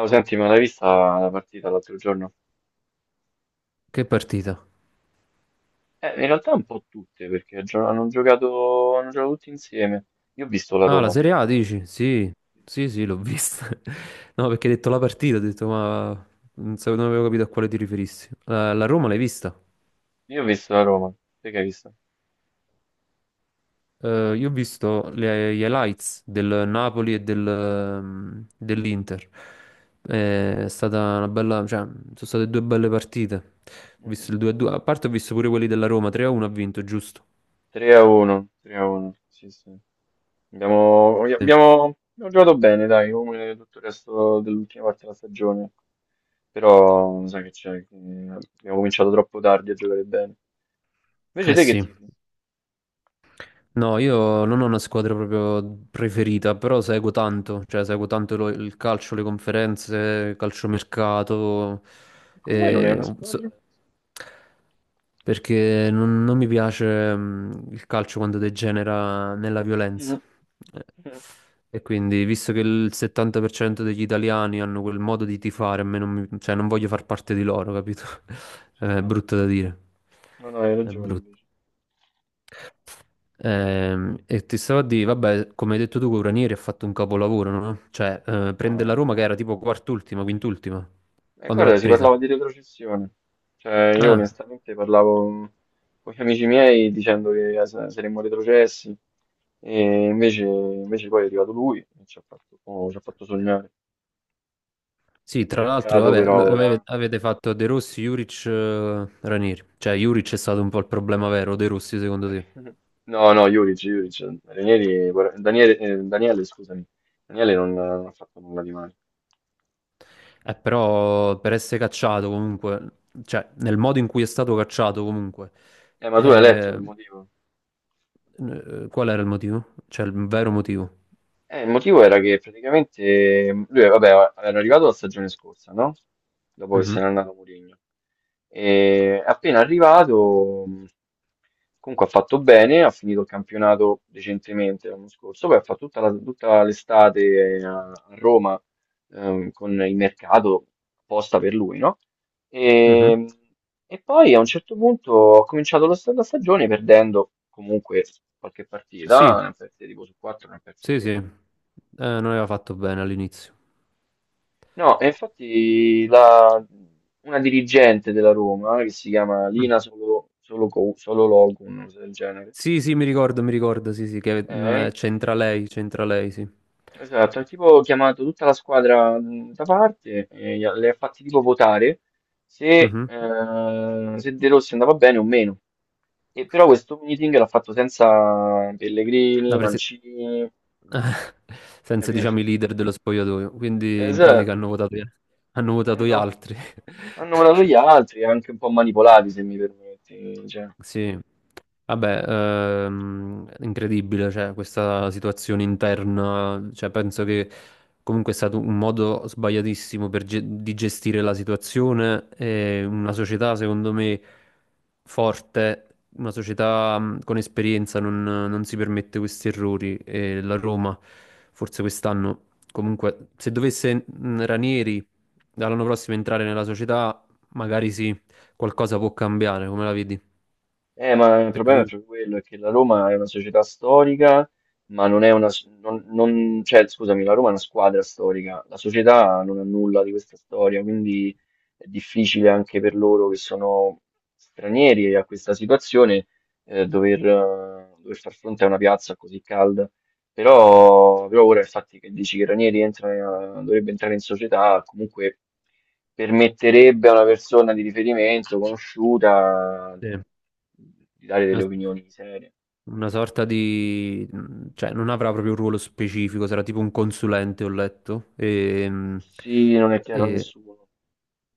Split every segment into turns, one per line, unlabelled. Oh, senti, ma l'hai vista la partita l'altro giorno?
Che partita?
In realtà un po' tutte, perché hanno giocato tutti insieme. Io ho visto la
Ah,
Roma,
la Serie A
ovviamente.
dici? Sì, sì, sì, l'ho vista. No, perché hai detto la partita, ho detto, ma non avevo capito a quale ti riferissi. La Roma l'hai vista?
Io ho visto la Roma. Te che hai visto?
Io ho visto gli highlights del Napoli e dell'Inter. È stata una bella, cioè, sono state due belle partite. Ho visto
Mm-mm.
il 2-2, a due, a parte ho visto pure quelli della Roma, 3-1 ha vinto, giusto?
3 a 1, 3 a 1. Sì, sì. Abbiamo, abbiamo,
Sì.
abbiamo giocato bene, dai, come tutto il resto dell'ultima parte della stagione. Però, sai che c'è, che abbiamo cominciato troppo tardi a giocare bene. Invece
Eh
te che
sì,
tifi?
no, io non ho una squadra proprio preferita, però seguo tanto, cioè seguo tanto il calcio, le conferenze, calciomercato,
E come mai non è
e,
una squadra?
perché non mi piace il calcio quando degenera nella violenza.
Mm.
Eh, E quindi, visto che il 70% degli italiani hanno quel modo di tifare, a me non mi- cioè, non voglio far parte di loro, capito?
Ci
È
sta,
brutto da
bravo.
dire.
No, no, hai
È
ragione
brutto.
invece.
E ti stavo a dire, vabbè, come hai detto tu, Ranieri ha fatto un capolavoro, no? Cioè,
No,
prende la Roma che era tipo quart'ultima, quint'ultima, quando l'ha
Guarda, si
presa.
parlava di retrocessione. Cioè, io
Ah,
onestamente parlavo con gli amici miei dicendo che saremmo retrocessi e invece poi è arrivato lui e ci ha fatto sognare.
sì, tra l'altro,
Peccato
vabbè,
però ora.
avete fatto De Rossi, Juric, Ranieri. Cioè, Juric è stato un po' il problema vero, De Rossi, secondo te?
No, no, Juric, Juric. Daniele, scusami. Daniele non ha fatto nulla di male.
Però, per essere cacciato comunque, cioè, nel modo in cui è stato cacciato comunque,
Ma tu hai letto
eh,
il motivo?
qual era il motivo? Cioè, il vero motivo?
Il motivo era che praticamente lui, vabbè, era arrivato la stagione scorsa, no? Dopo che se
Mhm,
n'è andato Mourinho. E appena arrivato, comunque ha fatto bene, ha finito il campionato decentemente l'anno scorso, poi ha fatto tutta l'estate a Roma, con il mercato apposta per lui, no?
mhm.
E, e poi a un certo punto ho cominciato la stagione perdendo comunque qualche
Sì,
partita, ne ha perse tipo su 4, ne ha perse
sì, sì,
3.
Non aveva fatto bene all'inizio.
No, e infatti una dirigente della Roma, che si chiama
Mm.
Lina Solo, Solo, Co- Solo Loco, una cosa del genere,
Sì, sì, mi ricordo, sì, sì, che
eh,
c'entra lei, sì.
esatto, ha tipo chiamato tutta la squadra da parte e le ha fatti tipo votare se,
Mhm.
eh, se De Rossi andava bene o meno. E però questo meeting l'ha fatto senza
La
Pellegrini,
presi-
Mancini,
senza,
capito?
diciamo, i leader dello spogliatoio, quindi in
Esatto,
pratica hanno votato gli
hanno,
altri.
hanno votato gli altri, anche un po' manipolati, se mi permetti. Cioè.
Sì, vabbè, incredibile, cioè, questa situazione interna, cioè, penso che comunque è stato un modo sbagliatissimo di gestire la situazione e una società, secondo me, forte, una società con esperienza non si permette questi errori e la Roma, forse quest'anno, comunque, se dovesse Ranieri dall'anno prossimo entrare nella società, magari sì, qualcosa può cambiare, come la vedi?
Ma il
Perché
problema è
lui
proprio quello, è che la Roma è una società storica, ma non è una, cioè, scusami, la Roma è una squadra storica, la società non ha nulla di questa storia, quindi è difficile anche per loro che sono stranieri a questa situazione, dover far fronte a una piazza così calda. Però ora il fatto che dici che Ranieri entra, dovrebbe entrare in società, comunque permetterebbe a una persona di riferimento conosciuta
è
di dare delle
una,
opinioni serie.
una sorta di, cioè non avrà proprio un ruolo specifico, sarà tipo un consulente, ho letto. E,
Sì, non è chiaro a
e
nessuno.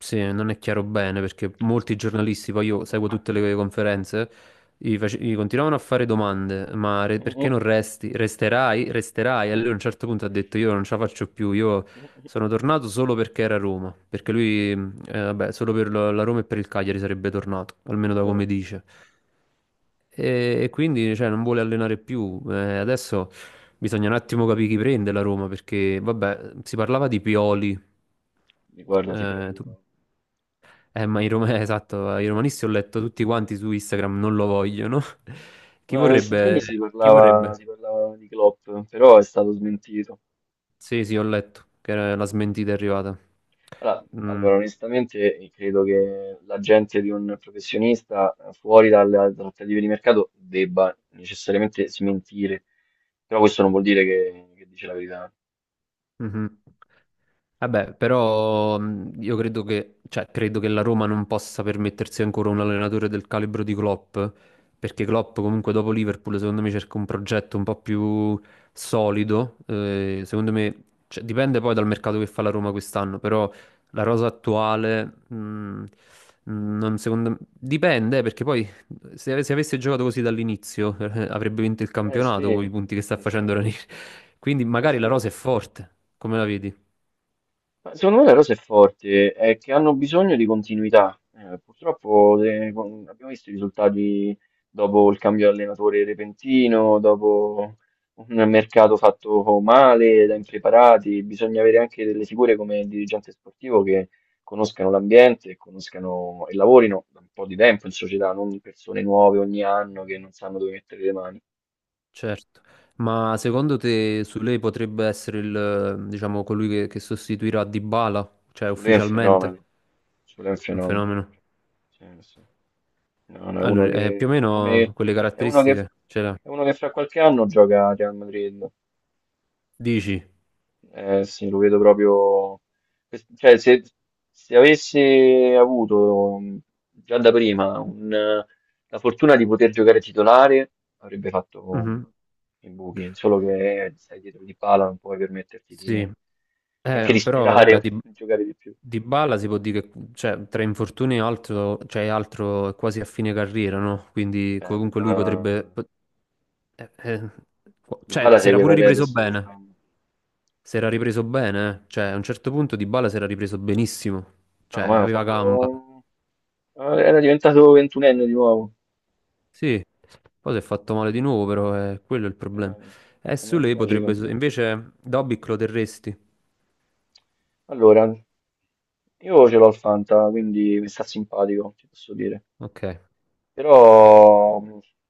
sì, non è chiaro bene perché molti giornalisti, poi io seguo tutte le conferenze, gli continuavano a fare domande, ma perché non resti? Resterai? Resterai? E lui a un certo punto ha detto io non ce la faccio più, io sono tornato solo perché era Roma, perché lui, vabbè, solo per la Roma e per il Cagliari sarebbe tornato, almeno da
Sì,
come dice. E quindi cioè, non vuole allenare più. Adesso bisogna un attimo capire chi prende la Roma, perché vabbè, si parlava di Pioli.
guarda, ti
Eh,
prego,
tu-
no.
esatto, i romanisti ho letto tutti quanti su Instagram non lo vogliono. Chi
Ma questi giorni
vorrebbe?
si
Chi
parlava, si
vorrebbe?
parlava di Klopp, però è stato smentito.
Sì, sì, ho letto che era- la smentita è arrivata.
Allora,
Mm.
allora, onestamente, credo che l'agente di un professionista fuori dalle trattative di mercato debba necessariamente smentire, però questo non vuol dire che dice la verità.
Mhm. Vabbè, però io credo che, cioè, credo che la Roma non possa permettersi ancora un allenatore del calibro di Klopp, perché Klopp comunque dopo Liverpool secondo me cerca un progetto un po' più solido, secondo me, cioè, dipende poi dal mercato che fa la Roma quest'anno, però la rosa attuale, non secondo me, dipende perché poi se avesse giocato così dall'inizio, avrebbe vinto il
Eh sì,
campionato con i punti che sta
eh sì,
facendo Ranieri. Quindi
eh
magari la
sì.
rosa è forte, come la vedi?
Ma secondo me la cosa è forte, è che hanno bisogno di continuità. Purtroppo abbiamo visto i risultati dopo il cambio di allenatore repentino, dopo un mercato fatto male, da impreparati. Bisogna avere anche delle figure come il dirigente sportivo che conoscano l'ambiente, e conoscano e lavorino da un po' di tempo in società, non persone nuove ogni anno che non sanno dove mettere le mani.
Certo. Ma secondo te su lei potrebbe essere il, diciamo, colui che, sostituirà Dybala, cioè
Sulle è un
ufficialmente?
fenomeno, Sulé è un
Un
fenomeno.
fenomeno.
Sì, sì. No, no,
Allora, più o meno quelle
è uno che,
caratteristiche ce l'ha.
è uno che fra qualche anno gioca a Real Madrid.
Dici?
Sì, lo vedo proprio. Cioè, se avesse avuto già da prima la fortuna di poter giocare titolare, avrebbe fatto
Mhm.
i buchi. Solo che stai dietro di pala, non puoi permetterti
Sì.
neanche di
Però vabbè,
sperare
di,
di giocare di più.
Dybala si può dire che cioè, tra infortuni e altro, cioè, altro è quasi a fine carriera, no? Quindi
Eh,
comunque lui
Dybala,
potrebbe, eh, eh, cioè,
Dybala
si era
segue
pure ripreso
Paredes
bene.
quest'anno.
Si era ripreso bene, eh. Cioè a un certo punto Dybala si era ripreso benissimo, cioè
No, ma ha
aveva
fatto
gamba.
era diventato ventunenne di nuovo.
Sì, poi si è fatto male di nuovo, però è quello è il problema. E
Ma
su
è
lei potrebbe,
tragico.
invece Dobic lo terresti?
Allora, io ce l'ho il Fanta, quindi mi sta simpatico, ti posso dire.
Ok.
Però,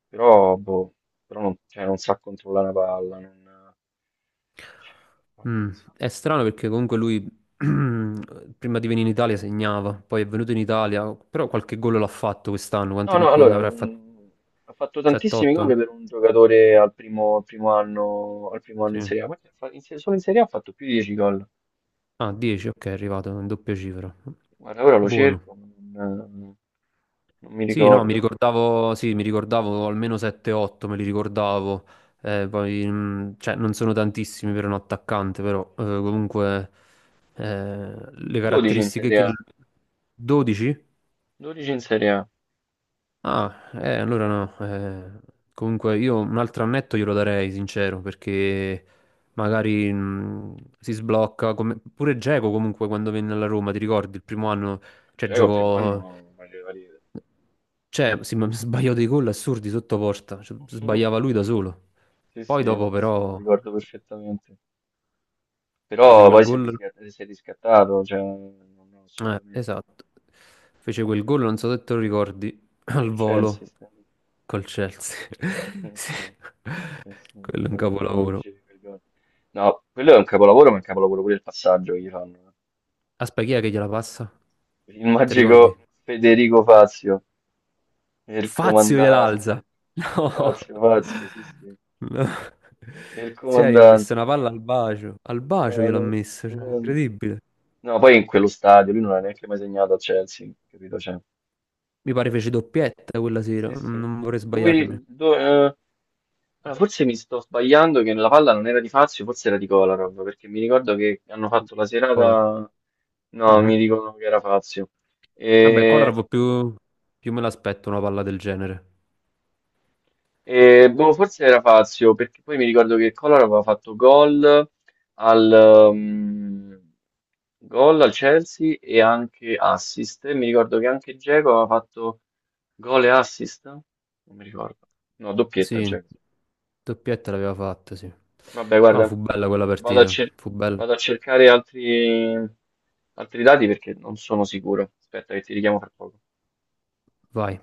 però, boh, però non, cioè, non sa controllare una palla. Non. Ma che
Mm,
ne so.
È strano perché comunque lui prima di venire in Italia segnava, poi è venuto in Italia, però qualche gol l'ha fatto quest'anno, quanti
No, no,
ne
allora,
avrà fatto?
ha fatto tantissimi gol
7-8?
per un giocatore al primo anno in
Sì.
Serie A. Guarda, fa- in se- Solo in Serie A ha fatto più di 10 gol.
Ah, 10, ok, è arrivato in doppia cifra.
Guarda, ora lo
Buono.
cerco, ma non, non mi
Sì, no, mi
ricordo.
ricordavo, sì, mi ricordavo almeno 7-8, me li ricordavo. Poi, cioè, non sono tantissimi per un attaccante, però comunque le
12 in
caratteristiche
Serie
che ha.
A.
12?
12 in Serie A.
Ah,
Sì.
allora no. Comunque io un altro annetto glielo darei, sincero, perché magari si sblocca. Pure Dzeko comunque quando venne alla Roma, ti ricordi, il primo anno, cioè
Già col primo
giocò.
anno faceva ridere.
Cioè, sbagliò dei gol assurdi sotto porta, cioè, sbagliava lui da solo.
Sì,
Poi
sì,
dopo
sì, sì, me lo
però
ricordo perfettamente.
fece
Però
quel
poi
gol.
si è riscattato, cioè, non no, assolutamente.
Esatto. Fece quel gol, non so se te lo ricordi, al
Col
volo
Chelsea,
col Chelsea.
sì,
Sì.
sì, sì, sì,
Quello è un
già lo sapevo che
capolavoro.
dicevi quel gol. No, quello è un capolavoro, ma è un capolavoro pure il passaggio che gli fanno.
Aspetta, chi è che gliela passa?
Il
Ti ricordi?
magico Federico Fazio. E il
Fazio gliel'alza.
comandante. Pazzo, pazzo, sì, sì.
No. No.
E il
Cioè, gli ho messo
comandante.
una palla al bacio. Al bacio
No,
gliel'ho
no,
messa, cioè,
stupendo.
incredibile.
No, poi in quello stadio lui non ha neanche mai segnato a Chelsea, capito? Cioè,
Mi pare fece doppietta quella sera,
sì,
non
sì.
non vorrei
Lui,
sbagliarmi.
do- eh, Forse mi sto sbagliando che la palla non era di Fazio, forse era di Kolarov, perché mi ricordo che hanno fatto la
Kolar.
serata. No,
Mhm.
mi dicono che era Fazio.
Vabbè, Kolar
E
più me l'aspetto una palla del genere.
E, forse era Fazio, perché poi mi ricordo che Collor aveva fatto al, um, gol al Chelsea e anche assist. E mi ricordo che anche Dzeko aveva fatto gol e assist. Non mi ricordo. No, doppietta
Sì,
Dzeko.
doppietta l'aveva fatta, sì.
Vabbè,
No,
guarda,
fu bella quella
vado a,
partita,
cer-
fu bella.
vado a cercare altri dati perché non sono sicuro. Aspetta che ti richiamo fra poco.
Vai.